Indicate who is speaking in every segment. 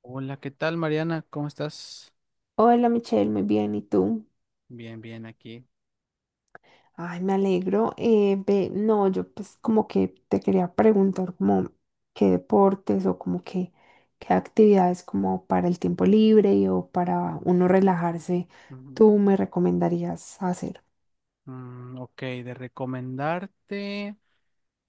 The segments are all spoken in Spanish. Speaker 1: Hola, ¿qué tal, Mariana? ¿Cómo estás?
Speaker 2: Hola Michelle, muy bien, ¿y tú?
Speaker 1: Bien, bien, aquí.
Speaker 2: Ay, me alegro. Ve, no, yo pues como que te quería preguntar como qué deportes o como que qué actividades como para el tiempo libre y o para uno relajarse,
Speaker 1: Ujú.
Speaker 2: tú me recomendarías hacer.
Speaker 1: Mm, ok, de recomendarte.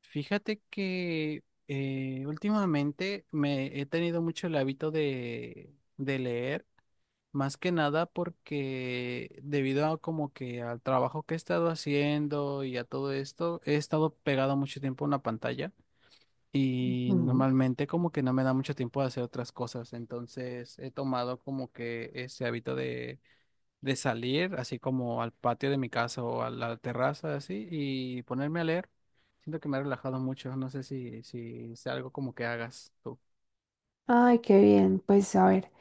Speaker 1: Fíjate que últimamente me he tenido mucho el hábito de leer, más que nada porque debido a como que al trabajo que he estado haciendo y a todo esto, he estado pegado mucho tiempo a una pantalla. Y
Speaker 2: Ujú.
Speaker 1: normalmente como que no me da mucho tiempo de hacer otras cosas, entonces he tomado como que ese hábito de salir así como al patio de mi casa o a la terraza así y ponerme a leer. Siento que me ha relajado mucho, no sé si es algo como que hagas tú.
Speaker 2: Ay, qué bien. Pues a ver,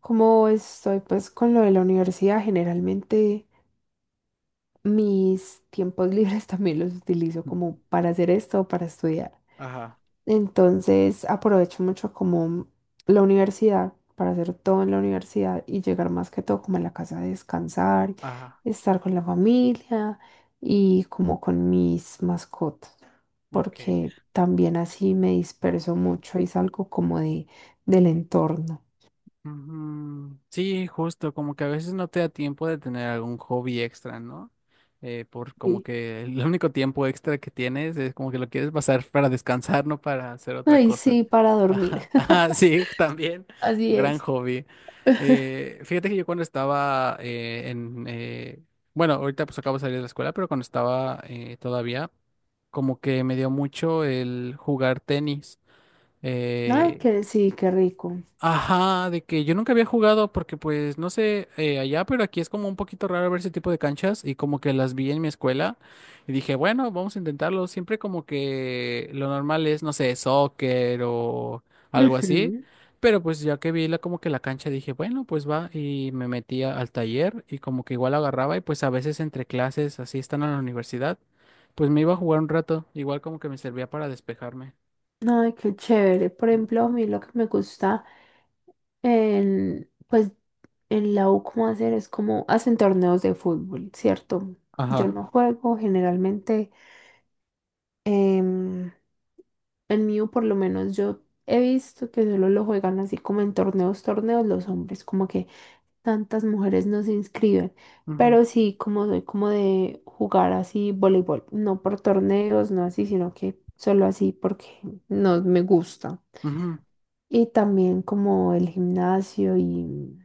Speaker 2: como estoy pues con lo de la universidad, generalmente mis tiempos libres también los utilizo como para hacer esto o para estudiar.
Speaker 1: Ajá,
Speaker 2: Entonces aprovecho mucho como la universidad para hacer todo en la universidad y llegar más que todo como a la casa a descansar,
Speaker 1: ajá.
Speaker 2: estar con la familia y como con mis mascotas,
Speaker 1: Ok.
Speaker 2: porque también así me disperso mucho y salgo como de, del entorno.
Speaker 1: Ujú. Sí, justo, como que a veces no te da tiempo de tener algún hobby extra, ¿no? Por como
Speaker 2: Y,
Speaker 1: que el único tiempo extra que tienes es como que lo quieres pasar para descansar, no para hacer otra
Speaker 2: ay,
Speaker 1: cosa.
Speaker 2: sí, para dormir.
Speaker 1: Ajá, ajá, sí, también, un
Speaker 2: Así
Speaker 1: gran
Speaker 2: es.
Speaker 1: hobby. Fíjate que yo cuando estaba bueno, ahorita pues acabo de salir de la escuela, pero cuando estaba todavía, como que me dio mucho el jugar tenis.
Speaker 2: Ay,
Speaker 1: Eh.
Speaker 2: que sí, qué rico.
Speaker 1: Ajá, de que yo nunca había jugado porque pues no sé allá, pero aquí es como un poquito raro ver ese tipo de canchas y como que las vi en mi escuela y dije, bueno, vamos a intentarlo. Siempre como que lo normal es, no sé, soccer o algo así,
Speaker 2: Ujú.
Speaker 1: pero pues ya que vi la, como que la cancha dije, bueno, pues va y me metía al taller y como que igual agarraba y pues a veces entre clases, así están en la universidad, pues me iba a jugar un rato, igual como que me servía para despejarme.
Speaker 2: Ay, qué chévere. Por ejemplo, a mí lo que me gusta En, pues en la U, ¿cómo hacer? Es como hacen torneos de fútbol, ¿cierto? Yo
Speaker 1: Ajá.
Speaker 2: no juego generalmente. em, en mi U, por lo menos, yo he visto que solo lo juegan así como en torneos, torneos los hombres, como que tantas mujeres no se inscriben.
Speaker 1: Ujú,
Speaker 2: Pero sí, como soy como de jugar así voleibol, no por torneos, no así, sino que solo así porque no me gusta.
Speaker 1: ujú.
Speaker 2: Y también como el gimnasio y.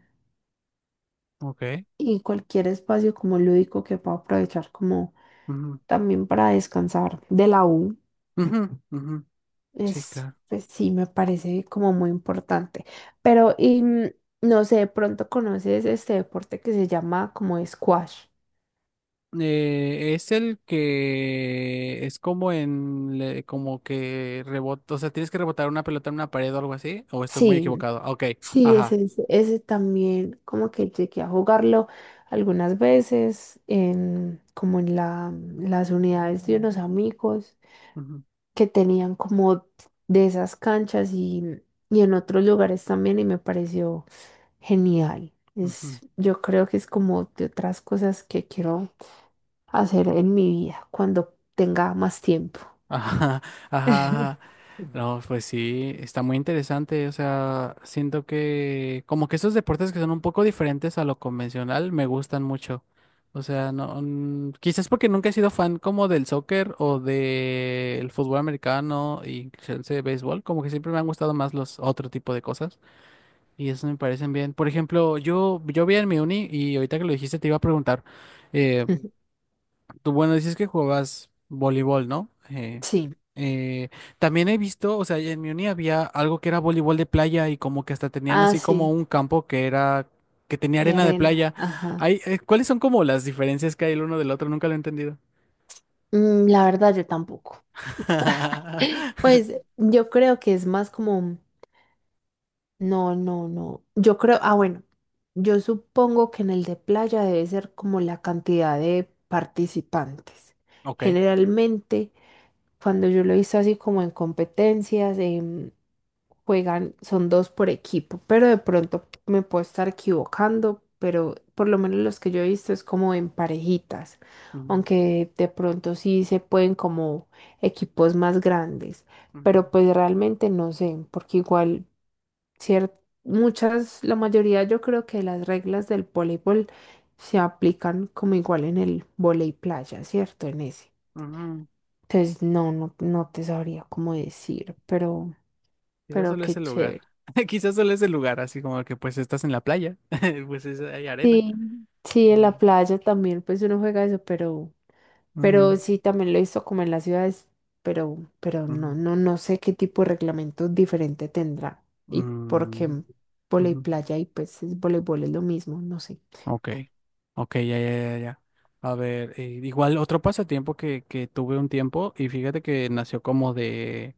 Speaker 1: Ok.
Speaker 2: y cualquier espacio como lúdico que pueda aprovechar como
Speaker 1: Ujú.
Speaker 2: también para descansar de la U
Speaker 1: Ujú, ujú. Sí,
Speaker 2: es
Speaker 1: claro.
Speaker 2: pues sí me parece como muy importante pero y, no sé de pronto conoces este deporte que se llama como squash.
Speaker 1: Es el que es como en le- como que rebota, o sea, tienes que rebotar una pelota en una pared o algo así, o estoy muy
Speaker 2: Sí,
Speaker 1: equivocado. Ok,
Speaker 2: sí,
Speaker 1: ajá.
Speaker 2: ese también como que llegué a jugarlo algunas veces en como en las unidades de unos amigos
Speaker 1: Ujú,
Speaker 2: que tenían como de esas canchas y en otros lugares también y me pareció genial.
Speaker 1: ujú.
Speaker 2: Yo creo que es como de otras cosas que quiero hacer en mi vida cuando tenga más tiempo.
Speaker 1: Ajá, ajá, ajá. No, pues sí, está muy interesante. O sea, siento que como que esos deportes que son un poco diferentes a lo convencional me gustan mucho. O sea, no, mm, quizás porque nunca he sido fan como del soccer o del fútbol americano y chance de béisbol, como que siempre me han gustado más los otro tipo de cosas y eso me parecen bien. Por ejemplo, yo vi en mi uni y ahorita que lo dijiste te iba a preguntar. Eh. Tú, bueno, dices que jugabas voleibol, ¿no?
Speaker 2: Sí.
Speaker 1: Eh, también he visto, o sea, en mi uni había algo que era voleibol de playa y como que hasta tenían
Speaker 2: Ah,
Speaker 1: así como
Speaker 2: sí,
Speaker 1: un campo que era, que tenía
Speaker 2: de
Speaker 1: arena de
Speaker 2: arena.
Speaker 1: playa.
Speaker 2: Ajá.
Speaker 1: Hay, ¿cuáles son como las diferencias que hay el uno del otro? Nunca lo he entendido.
Speaker 2: Mm, la verdad, yo tampoco. Pues yo creo que es más como no, no, no. Yo creo, ah, bueno, yo supongo que en el de playa debe ser como la cantidad de participantes.
Speaker 1: Ok.
Speaker 2: Generalmente, cuando yo lo he visto así como en competencias, juegan, son dos por equipo, pero de pronto me puedo estar equivocando, pero por lo menos los que yo he visto es como en parejitas,
Speaker 1: Ujú,
Speaker 2: aunque de pronto sí se pueden como equipos más grandes, pero
Speaker 1: ujú,
Speaker 2: pues realmente no sé, porque igual cier- muchas, la mayoría yo creo que las reglas del voleibol se aplican como igual en el volei playa, ¿cierto? En ese.
Speaker 1: ujú.
Speaker 2: Entonces, no, no, no te sabría cómo decir, pero,
Speaker 1: Quizás
Speaker 2: pero
Speaker 1: solo es
Speaker 2: qué
Speaker 1: el lugar.
Speaker 2: chévere.
Speaker 1: Quizás solo es el lugar, así como que pues estás en la playa, pues es- hay arena.
Speaker 2: Sí, sí, en
Speaker 1: Mm.
Speaker 2: la playa también, pues uno juega eso, pero, pero
Speaker 1: Ujú,
Speaker 2: sí, también lo hizo como en las ciudades, pero, no,
Speaker 1: ujú,
Speaker 2: no, no sé qué tipo de reglamento diferente tendrá y porque
Speaker 1: mm,
Speaker 2: qué volei
Speaker 1: ujú.
Speaker 2: playa y pues es voleibol es lo mismo, no sé.
Speaker 1: Ok, ok, ya, ya, ya, ya. A ver, igual otro pasatiempo que tuve un tiempo y fíjate que nació como de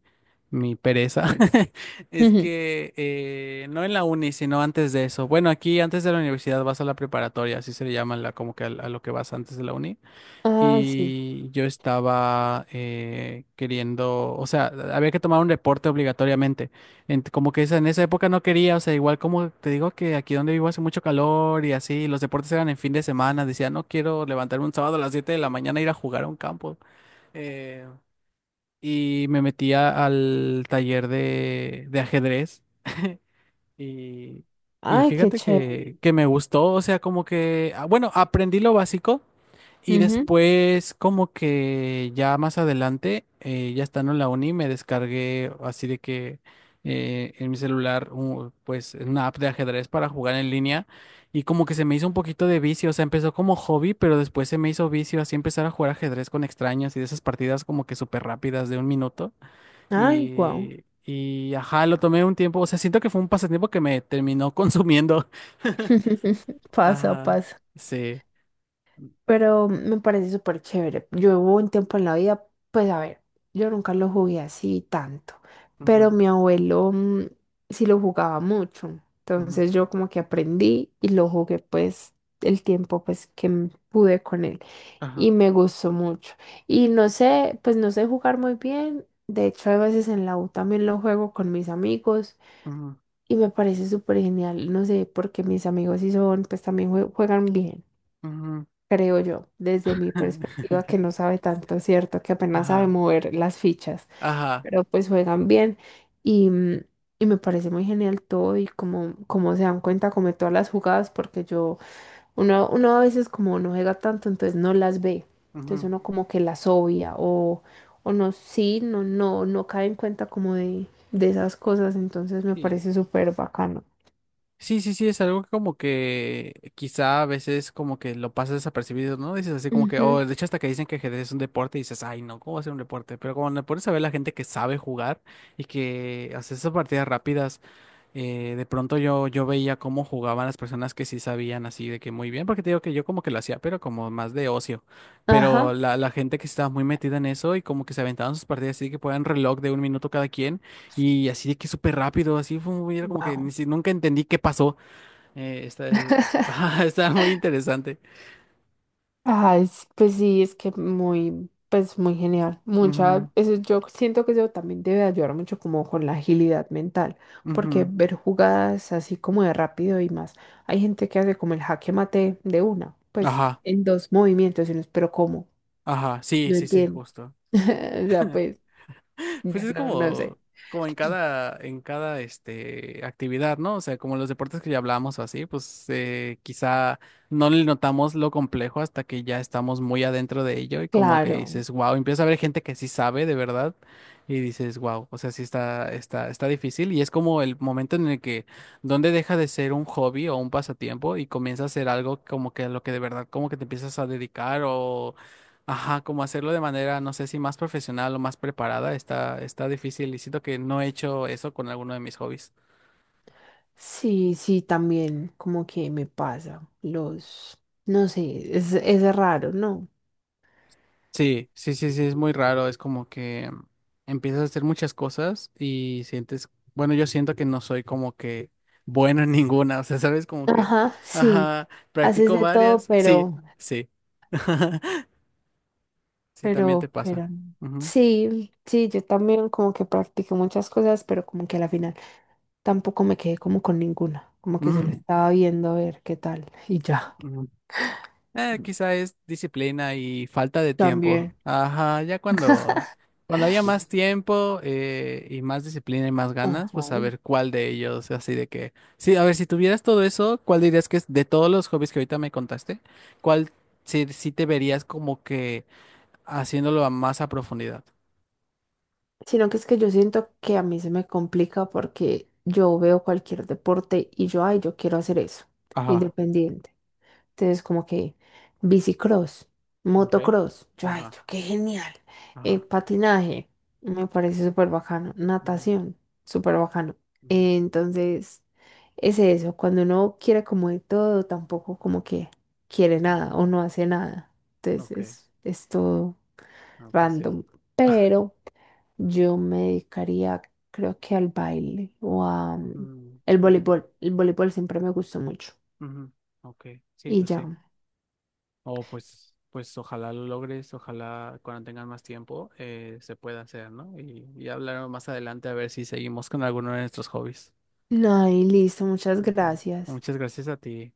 Speaker 1: mi pereza, es que no en la uni, sino antes de eso. Bueno, aquí antes de la universidad vas a la preparatoria, así se le llama la, como que a lo que vas antes de la uni
Speaker 2: Ah, sí.
Speaker 1: y yo estaba queriendo, o sea, había que tomar un reporte obligatoriamente. Ent- como que esa- en esa época no quería, o sea, igual como te digo que aquí donde vivo hace mucho calor y así, los deportes eran en fin de semana, decía, no quiero levantarme un sábado a las 7 de la mañana e ir a jugar a un campo. Eh, y me metía al taller de ajedrez. Y, y
Speaker 2: Ay, qué
Speaker 1: fíjate que,
Speaker 2: chévere.
Speaker 1: que me gustó, o sea, como que, ah, bueno, aprendí lo básico y
Speaker 2: Ujú.
Speaker 1: después, como que ya más adelante, ya estando en la uni, me descargué así de que en mi celular, un- pues una app de ajedrez para jugar en línea. Y como que se me hizo un poquito de vicio, o sea, empezó como hobby, pero después se me hizo vicio así empezar a jugar ajedrez con extraños y de esas partidas como que súper rápidas de un minuto.
Speaker 2: Ay, guau.
Speaker 1: Y ajá, lo tomé un tiempo, o sea, siento que fue un pasatiempo que me terminó consumiendo.
Speaker 2: Pasa,
Speaker 1: Ajá,
Speaker 2: pasa.
Speaker 1: sí.
Speaker 2: Pero me parece súper chévere. Yo hubo un tiempo en la vida, pues a ver, yo nunca lo jugué así tanto, pero
Speaker 1: Ujú,
Speaker 2: mi abuelo sí lo jugaba mucho.
Speaker 1: ujú.
Speaker 2: Entonces yo como que aprendí y lo jugué pues el tiempo pues que pude con él y
Speaker 1: Ajá.
Speaker 2: me gustó mucho. Y no sé, pues no sé jugar muy bien. De hecho, a veces en la U también lo juego con mis amigos.
Speaker 1: Ujú.
Speaker 2: Y me parece súper genial, no sé, porque mis amigos sí son, pues también juegan bien,
Speaker 1: Ujú.
Speaker 2: creo yo, desde mi perspectiva que no sabe tanto, ¿cierto? Que apenas sabe
Speaker 1: Ajá,
Speaker 2: mover las fichas,
Speaker 1: ajá,
Speaker 2: pero pues juegan bien y, mm, y me parece muy genial todo y como, como se dan cuenta, como de todas las jugadas, porque yo, uno a veces como no juega tanto, entonces no las ve, entonces
Speaker 1: ujú.
Speaker 2: uno como que las obvia o no, sí, no, no, no cae en cuenta como de, esas cosas, entonces me
Speaker 1: Sí.
Speaker 2: parece súper bacano.
Speaker 1: Sí, sí, sí, es algo que como que quizá a veces como que lo pasas desapercibido, ¿no? Dices así como que,
Speaker 2: Ujú.
Speaker 1: oh, de hecho hasta que dicen que ajedrez es un deporte y dices, ay, no, ¿cómo va a ser un deporte? Pero cuando le pones a ver la gente que sabe jugar y que hace esas partidas rápidas. De pronto yo veía cómo jugaban las personas que sí sabían así de que muy bien, porque te digo que yo como que lo hacía, pero como más de ocio. Pero
Speaker 2: Ajá.
Speaker 1: la gente que estaba muy metida en eso y como que se aventaban sus partidas así que ponían reloj de un minuto cada quien y así de que súper rápido, así fue muy, era como que ni
Speaker 2: Wow.
Speaker 1: si- nunca entendí qué pasó. Está, ajá, está muy interesante.
Speaker 2: Ay, s- pues sí, es que muy, pues muy genial. Mucha,
Speaker 1: Ujú,
Speaker 2: eso yo siento que eso también debe ayudar mucho como con la agilidad mental, porque
Speaker 1: ujú.
Speaker 2: ver jugadas así como de rápido y más. Hay gente que hace como el jaque mate de una, pues
Speaker 1: Ajá,
Speaker 2: en dos movimientos, y uno, pero ¿cómo?
Speaker 1: ajá, sí,
Speaker 2: No
Speaker 1: sí, sí,
Speaker 2: entiendo.
Speaker 1: justo.
Speaker 2: O sea, pues,
Speaker 1: Pues
Speaker 2: yo
Speaker 1: es
Speaker 2: no, no sé.
Speaker 1: como, como en cada este, actividad, ¿no? O sea, como los deportes que ya hablamos o así, pues quizá no le notamos lo complejo hasta que ya estamos muy adentro de ello y como que
Speaker 2: Claro.
Speaker 1: dices, wow, empieza a ver gente que sí sabe de verdad y dices, wow, o sea, sí está, está difícil y es como el momento en el que donde deja de ser un hobby o un pasatiempo y comienza a ser algo como que a lo que de verdad como que te empiezas a dedicar o ajá, como hacerlo de manera, no sé si más profesional o más preparada, está, está difícil y siento que no he hecho eso con alguno de mis hobbies.
Speaker 2: Sí, sí, también como que me pasa los, no sé, es raro, ¿no?
Speaker 1: Sí, sí, sí, sí, es muy raro, es como que empiezas a hacer muchas cosas y sientes, bueno, yo siento que no soy como que bueno en ninguna, o sea, sabes, como que,
Speaker 2: Ajá, sí,
Speaker 1: ajá,
Speaker 2: haces
Speaker 1: practico
Speaker 2: de todo,
Speaker 1: varias, sí,
Speaker 2: pero,
Speaker 1: sí, sí, también te
Speaker 2: pero,
Speaker 1: pasa.
Speaker 2: pero, no.
Speaker 1: Ujú.
Speaker 2: Sí, sí, yo también como que practiqué muchas cosas, pero como que a la final tampoco me quedé como con ninguna, como que se lo estaba viendo a ver qué tal y ya.
Speaker 1: Mm. Quizá es disciplina y falta de tiempo.
Speaker 2: También.
Speaker 1: Ajá, ya cuando, cuando haya más tiempo y más disciplina y más ganas,
Speaker 2: Ajá.
Speaker 1: pues a ver cuál de ellos, así de que... Sí, a ver, si tuvieras todo eso, ¿cuál dirías que es de todos los hobbies que ahorita me contaste? ¿Cuál sí, sí te verías como que haciéndolo a más a profundidad?
Speaker 2: Sino que es que yo siento que a mí se me complica porque yo veo cualquier deporte y yo, ay, yo quiero hacer eso,
Speaker 1: Ajá.
Speaker 2: independiente. Entonces, como que bicicross,
Speaker 1: Ok.
Speaker 2: motocross, yo, ay,
Speaker 1: Ajá.
Speaker 2: yo, qué genial.
Speaker 1: Ajá.
Speaker 2: Patinaje, me parece súper bacano.
Speaker 1: Ujú,
Speaker 2: Natación, súper bacano.
Speaker 1: ujú,
Speaker 2: Entonces, es eso, cuando uno quiere como de todo, tampoco como que quiere nada
Speaker 1: ujú.
Speaker 2: o no hace nada. Entonces,
Speaker 1: Ok.
Speaker 2: es todo
Speaker 1: No, pues sí.
Speaker 2: random. Pero yo me dedicaría, creo que al baile o
Speaker 1: Mm,
Speaker 2: el
Speaker 1: ujú,
Speaker 2: voleibol. El voleibol siempre me gustó mucho.
Speaker 1: ujú. Ok. Sí,
Speaker 2: Y
Speaker 1: pues sí.
Speaker 2: ya.
Speaker 1: O pues, pues ojalá lo logres, ojalá cuando tengan más tiempo se pueda hacer, ¿no? Y hablar más adelante a ver si seguimos con alguno de nuestros hobbies.
Speaker 2: No, y listo, muchas
Speaker 1: Ujú.
Speaker 2: gracias.
Speaker 1: Muchas gracias a ti.